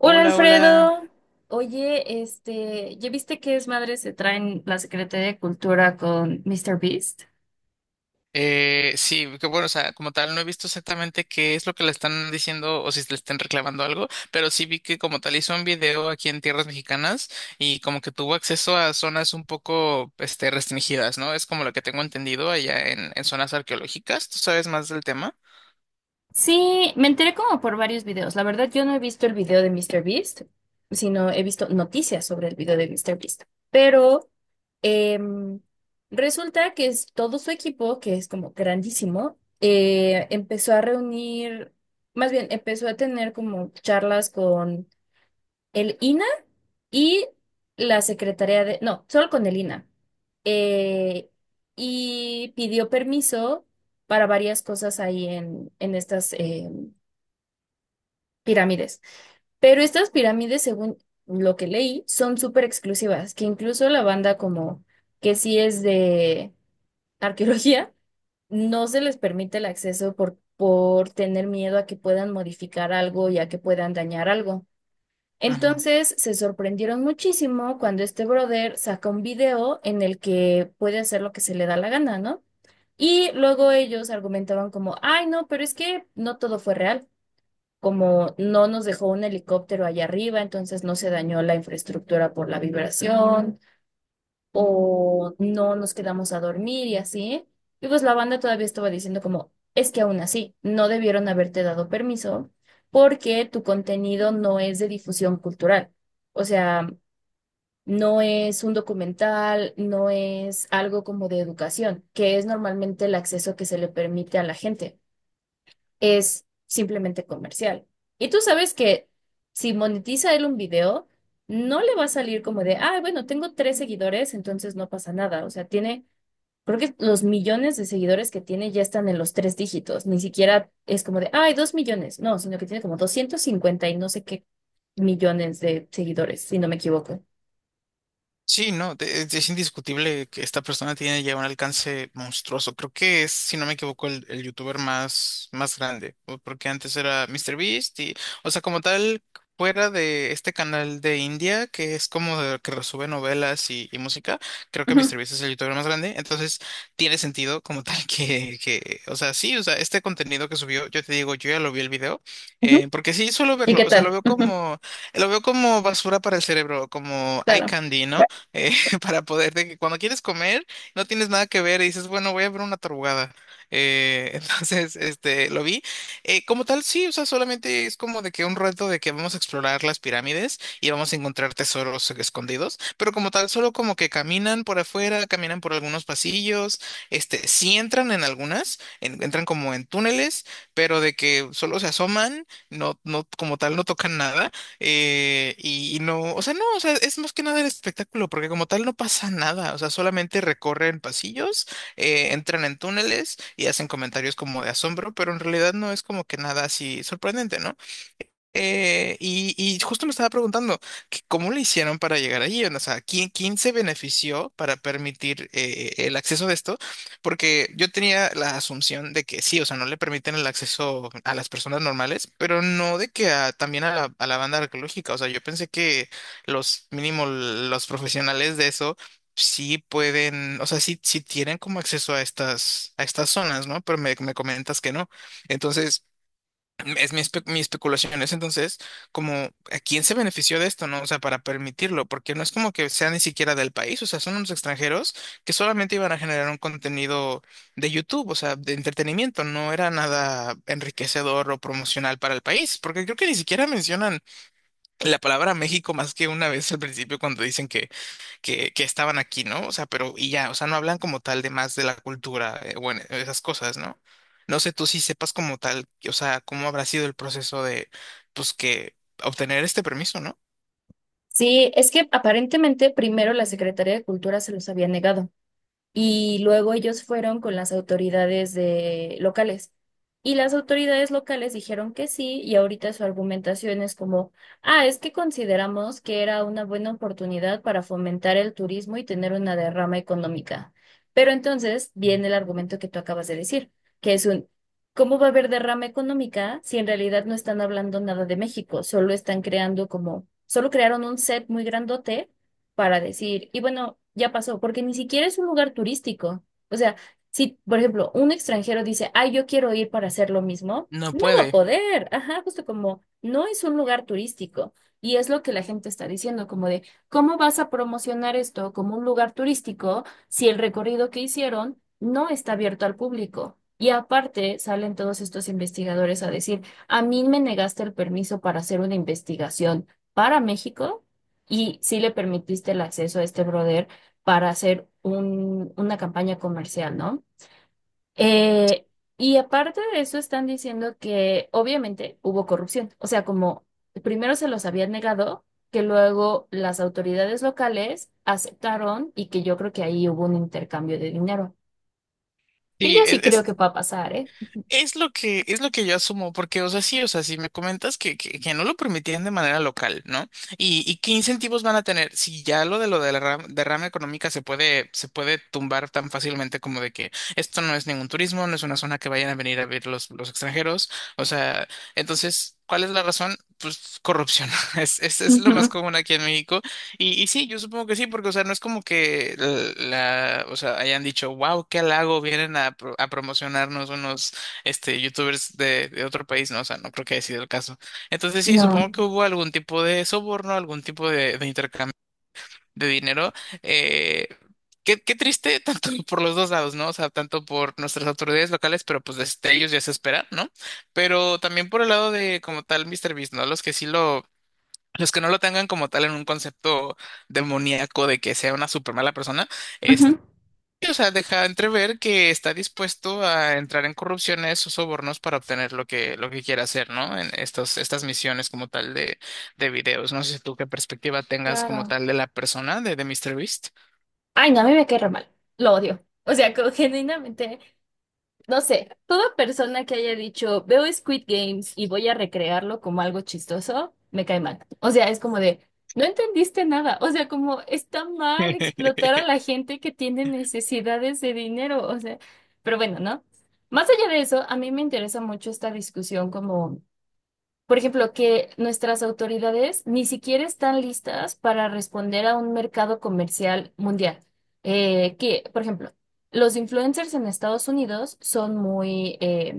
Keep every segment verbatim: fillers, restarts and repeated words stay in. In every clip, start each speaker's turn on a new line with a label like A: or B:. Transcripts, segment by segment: A: Hola
B: Hola, hola.
A: Alfredo, oye, este, ¿ya viste que es madre se traen la Secretaría de Cultura con míster Beast?
B: Eh, sí, que bueno, o sea, como tal, no he visto exactamente qué es lo que le están diciendo o si le están reclamando algo, pero sí vi que como tal hizo un video aquí en tierras mexicanas y como que tuvo acceso a zonas un poco, este, restringidas, ¿no? Es como lo que tengo entendido allá en, en zonas arqueológicas. ¿Tú sabes más del tema?
A: Sí, me enteré como por varios videos. La verdad, yo no he visto el video de míster Beast, sino he visto noticias sobre el video de míster Beast. Pero Em, resulta que es todo su equipo, que es como grandísimo, eh, empezó a reunir, más bien empezó a tener como charlas con el I N A y la secretaría de, no, solo con el I N A. Eh, y pidió permiso para varias cosas ahí en, en estas em, pirámides. Pero estas pirámides, según lo que leí, son súper exclusivas, que incluso la banda como que sí es de arqueología, no se les permite el acceso por, por tener miedo a que puedan modificar algo y a que puedan dañar algo. Entonces se sorprendieron muchísimo cuando este brother saca un video en el que puede hacer lo que se le da la gana, ¿no? Y luego ellos argumentaban como, ay, no, pero es que no todo fue real, como no nos dejó un helicóptero allá arriba, entonces no se dañó la infraestructura por la vibración, o no nos quedamos a dormir y así. Y pues la banda todavía estaba diciendo como, es que aún así, no debieron haberte dado permiso porque tu contenido no es de difusión cultural. O sea, no es un documental, no es algo como de educación, que es normalmente el acceso que se le permite a la gente es simplemente comercial. Y tú sabes que si monetiza él un video, no le va a salir como de, ah, bueno, tengo tres seguidores, entonces no pasa nada. O sea, tiene, creo que los millones de seguidores que tiene ya están en los tres dígitos. Ni siquiera es como de, ay, dos millones. No, sino que tiene como doscientos cincuenta y no sé qué millones de seguidores, si no me equivoco.
B: Sí, no, de- es es indiscutible que esta persona tiene ya un alcance monstruoso. Creo que es, si no me equivoco, el, el youtuber más, más grande, o- porque antes era mister Beast y, o sea, como tal, fuera de este canal de India, que es como de- que resube novelas y, y música, creo que
A: Ujú.
B: mister Beast es el youtuber más grande, entonces tiene sentido como tal que, que, o sea, sí, o sea, este contenido que subió, yo te digo, yo ya lo vi el video, eh, porque sí suelo
A: ¿Y
B: verlo,
A: qué
B: o sea, lo
A: tal?
B: veo
A: Ujú.
B: como, lo veo como basura para el cerebro, como eye
A: Claro.
B: candy, ¿no? eh, para poder, de que cuando quieres comer, no tienes nada que ver y dices, bueno, voy a ver una tarugada. Eh, entonces, este, lo vi. Eh, como tal, sí, o sea, solamente es como de que un reto de que vamos a explorar las pirámides y vamos a encontrar tesoros escondidos, pero como tal, solo como que caminan por afuera, caminan por algunos pasillos, este, sí entran en algunas, en- entran como en túneles, pero de que solo se asoman, no, no, como tal, no tocan nada. eh, y, y no, o sea, no, o sea, es más que nada el espectáculo, porque como tal no pasa nada, o sea, solamente recorren pasillos, eh, entran en túneles y hacen comentarios como de asombro, pero en realidad no es como que nada así sorprendente, ¿no? Eh, y, y justo me estaba preguntando que cómo le hicieron para llegar allí, o sea, ¿quién, quién se benefició para permitir eh, el acceso de esto? Porque yo tenía la asunción de que sí, o sea, no le permiten el acceso a las personas normales, pero no de que a- también a la, a la banda arqueológica, o sea, yo pensé que los mínimo los profesionales de eso sí pueden, o sea, sí, sí tienen como acceso a estas, a estas zonas, ¿no? Pero me, me comentas que no. Entonces... Es mi, espe- mi especulación, es entonces como a quién se benefició de esto, ¿no? O sea, para permitirlo, porque no es como que sea ni siquiera del país, o sea, son unos extranjeros que solamente iban a generar un contenido de YouTube, o sea, de entretenimiento, no era nada enriquecedor o promocional para el país, porque creo que ni siquiera mencionan la palabra México más que una vez al principio cuando dicen que que, que estaban aquí, ¿no? O sea, pero y ya, o sea, no hablan como tal de más de la cultura, eh, bueno, esas cosas, ¿no? No sé tú si sepas como tal, o sea, cómo habrá sido el proceso de, pues, que obtener este permiso, ¿no?
A: Sí, es que aparentemente primero la Secretaría de Cultura se los había negado. Y luego ellos fueron con las autoridades de locales. Y las autoridades locales dijeron que sí, y ahorita su argumentación es como, ah, es que consideramos que era una buena oportunidad para fomentar el turismo y tener una derrama económica. Pero entonces viene el argumento que tú acabas de decir, que es un, ¿cómo va a haber derrama económica si en realidad no están hablando nada de México? Solo están creando como, solo crearon un set muy grandote para decir, y bueno, ya pasó, porque ni siquiera es un lugar turístico. O sea, si, por ejemplo, un extranjero dice, ay, yo quiero ir para hacer lo mismo,
B: No
A: no va a
B: puede.
A: poder. Ajá, justo como no es un lugar turístico. Y es lo que la gente está diciendo, como de, ¿cómo vas a promocionar esto como un lugar turístico si el recorrido que hicieron no está abierto al público? Y aparte salen todos estos investigadores a decir, a mí me negaste el permiso para hacer una investigación para México y sí le permitiste el acceso a este brother para hacer un, una campaña comercial, ¿no? Eh, y aparte de eso están diciendo que obviamente hubo corrupción, o sea, como primero se los habían negado, que luego las autoridades locales aceptaron y que yo creo que ahí hubo un intercambio de dinero, que
B: Sí,
A: yo sí
B: e-
A: creo que
B: es,
A: va a pasar, ¿eh?
B: es lo que, es lo que yo asumo, porque, o sea, sí, o sea, si me comentas que, que, que no lo permitían de manera local, ¿no? Y, y qué incentivos van a tener si ya lo de lo de la ra- derrama económica se puede, se puede tumbar tan fácilmente como de que esto no es ningún turismo, no es una zona que vayan a venir a ver los, los extranjeros. O sea, entonces, ¿cuál es la razón? Pues corrupción. Es, es, es lo más
A: Ujú.
B: común aquí en México. Y, y sí, yo supongo que sí, porque, o sea, no es como que la, la- o sea, hayan dicho, wow, qué halago, vienen a, pro- a promocionarnos unos este, youtubers de, de otro país, ¿no? O sea, no creo que haya sido el caso. Entonces sí, supongo
A: No.
B: que hubo algún tipo de soborno, algún tipo de, de intercambio de dinero. Eh, qué, qué triste, tanto por los dos lados, ¿no? O sea, tanto por nuestras autoridades locales, pero pues desde ellos ya se espera, ¿no? Pero también por el lado de como tal MrBeast, ¿no? Los que sí lo... Los que no lo tengan como tal en un concepto demoníaco de que sea una súper mala persona, este,
A: Ujú.
B: y, o sea, deja entrever que está dispuesto a entrar en corrupciones o sobornos para obtener lo que, lo que quiera hacer, ¿no? En estos, estas misiones como tal de, de videos. No sé si tú qué perspectiva tengas como
A: Claro.
B: tal de la persona de, de MrBeast.
A: Ay, no, a mí me cae re mal. Lo odio. O sea, que genuinamente no sé, toda persona que haya dicho, veo Squid Games y voy a recrearlo como algo chistoso, me cae mal. O sea, es como de, no entendiste nada. O sea, como está mal explotar a la gente que tiene necesidades de dinero. O sea, pero bueno, ¿no? Más allá de eso, a mí me interesa mucho esta discusión como por ejemplo, que nuestras autoridades ni siquiera están listas para responder a un mercado comercial mundial. Eh, que, por ejemplo, los influencers en Estados Unidos son muy eh,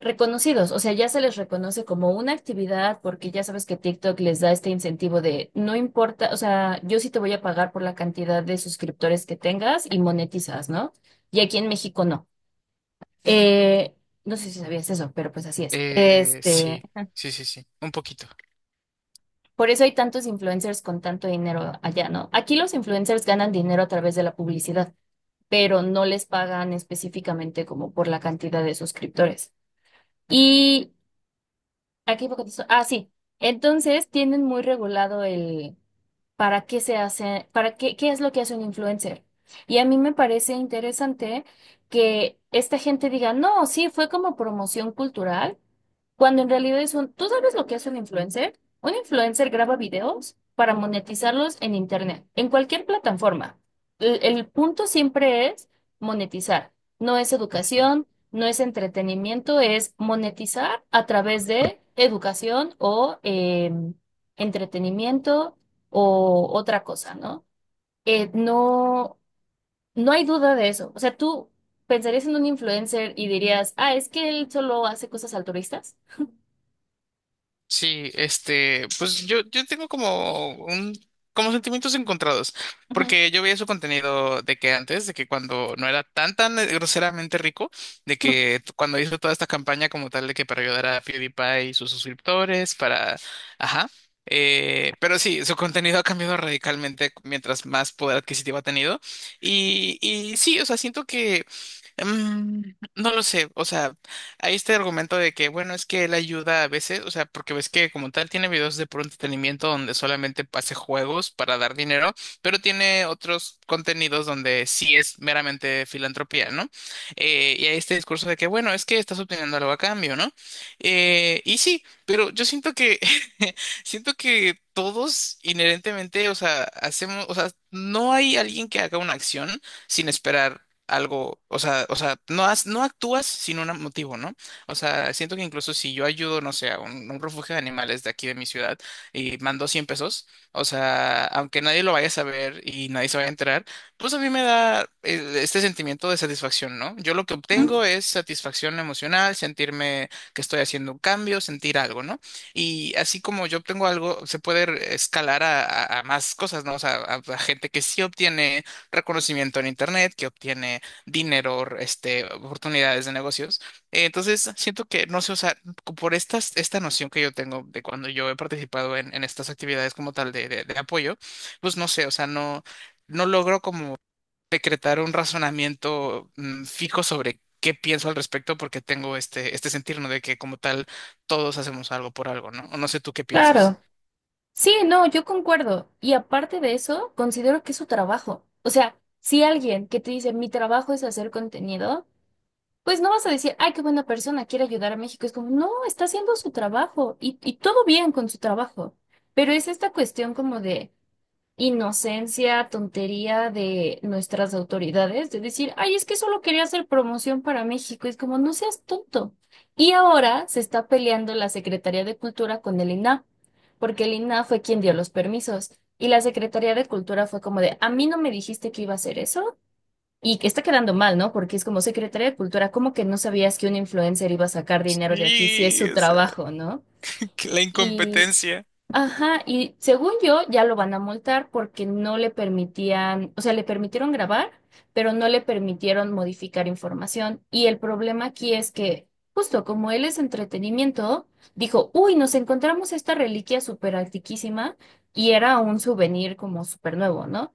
A: reconocidos, o sea, ya se les reconoce como una actividad porque ya sabes que TikTok les da este incentivo de no importa, o sea, yo sí te voy a pagar por la cantidad de suscriptores que tengas y monetizas, ¿no? Y aquí en México no. Eh, no sé si sabías eso, pero pues así es.
B: Eh,
A: Este,
B: sí, sí, sí, sí, un poquito.
A: Por eso hay tantos influencers con tanto dinero allá, ¿no? Aquí los influencers ganan dinero a través de la publicidad, pero no les pagan específicamente como por la cantidad de suscriptores. Y aquí poco. Ah, sí. Entonces tienen muy regulado el para qué se hace, para qué, qué es lo que hace un influencer. Y a mí me parece interesante que esta gente diga, no, sí, fue como promoción cultural cuando en realidad es un... ¿Tú sabes lo que es un influencer? Un influencer graba videos para monetizarlos en internet, en cualquier plataforma. El, el punto siempre es monetizar. No es educación, no es entretenimiento, es monetizar a través de educación o em, entretenimiento o otra cosa, ¿no? Eh, no, no hay duda de eso. O sea, tú pensarías en un influencer y dirías, ah, es que él solo hace cosas altruistas.
B: Sí, este, pues yo, yo tengo como un, como sentimientos encontrados,
A: Ujú.
B: porque yo veía su contenido de que antes, de que cuando no era tan, tan eh, groseramente rico, de que t- cuando hizo toda esta campaña como tal de que para ayudar a PewDiePie y sus suscriptores, para, ajá, eh, pero sí, su contenido ha cambiado radicalmente mientras más poder adquisitivo ha tenido, y, y sí, o sea, siento. Mm, no lo sé, o sea, hay este argumento de que, bueno, es que él ayuda a veces, o sea, porque ves que como tal tiene videos de puro entretenimiento donde solamente pase juegos para dar dinero, pero tiene otros contenidos donde sí es meramente filantropía, ¿no? Eh, y hay este discurso de que, bueno, es que estás obteniendo algo a cambio, ¿no? Eh, y sí, pero yo siento que, siento que todos inherentemente, o sea, hacemos, o sea, no hay alguien que haga una acción sin esperar algo, o sea, o sea, no, has- no actúas sin un motivo, ¿no? O sea, siento que incluso si yo ayudo, no sé, a un, un refugio de animales de aquí de mi ciudad y mando cien pesos, o sea, aunque nadie lo vaya a saber y nadie se vaya a enterar, pues a mí me da eh, este sentimiento de satisfacción, ¿no? Yo lo que
A: Mm.
B: obtengo es satisfacción emocional, sentirme que estoy haciendo un cambio, sentir algo, ¿no? Y así como yo obtengo algo, se puede escalar a, a- a más cosas, ¿no? O sea, a a gente que sí obtiene reconocimiento en Internet, que obtiene dinero, este, oportunidades de negocios. Eh, Entonces, siento que, no sé, o sea, co- por estas, esta noción que yo tengo de cuando yo he participado en, en estas actividades como tal de, de- de apoyo, pues no sé, o sea, no, no logro como decretar un razonamiento mm, fijo sobre qué pienso al respecto porque tengo este, este sentir, ¿no? De que como tal todos hacemos algo por algo, ¿no? O no sé tú qué pienses.
A: Claro. Sí, no, yo concuerdo. Y aparte de eso, considero que es su trabajo. O sea, si alguien que te dice, mi trabajo es hacer contenido, pues no vas a decir, ay, qué buena persona, quiere ayudar a México. Es como, no, está haciendo su trabajo y, y todo bien con su trabajo. Pero es esta cuestión como de... inocencia, tontería de nuestras autoridades, de decir, ay, es que solo quería hacer promoción para México, es como, no seas tonto. Y ahora se está peleando la Secretaría de Cultura con el I N A H, porque el I N A H fue quien dio los permisos. Y la Secretaría de Cultura fue como de, a mí no me dijiste que iba a hacer eso. Y que está quedando mal, ¿no? Porque es como Secretaría de Cultura, ¿cómo que no sabías que un influencer iba a sacar dinero de aquí si es
B: Sí,
A: su
B: o sea,
A: trabajo, ¿no?
B: que la
A: Y,
B: incompetencia.
A: ajá, y según yo ya lo van a multar porque no le permitían, o sea, le permitieron grabar, pero no le permitieron modificar información. Y el problema aquí es que, justo como él es entretenimiento, dijo, uy, nos encontramos esta reliquia súper antiquísima y era un souvenir como súper nuevo, ¿no?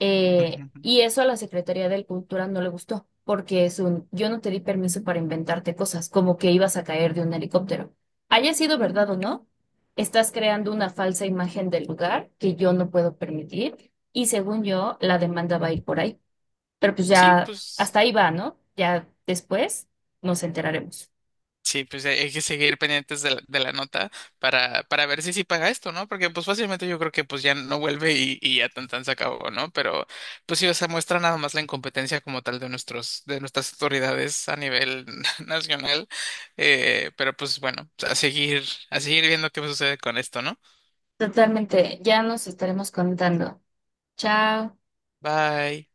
A: Eh,
B: Ujú.
A: y eso a la Secretaría de Cultura no le gustó porque es un, yo no te di permiso para inventarte cosas, como que ibas a caer de un helicóptero. Haya sido verdad o no. Estás creando una falsa imagen del lugar que yo no puedo permitir y según yo, la demanda va a ir por ahí. Pero pues
B: Sí,
A: ya,
B: pues.
A: hasta ahí va, ¿no? Ya después nos enteraremos.
B: Sí, pues hay hay que seguir pendientes de la, de la nota para, para ver si sí paga esto, ¿no? Porque pues fácilmente yo creo que pues ya no vuelve y, y ya tan tan se acabó, ¿no? Pero pues sí, o sea, muestra nada más la incompetencia como tal de nuestros, de nuestras autoridades a nivel nacional. Eh, pero pues bueno, a seguir, a seguir viendo qué sucede con esto, ¿no?
A: Totalmente, ya nos estaremos contando. Chao.
B: Bye.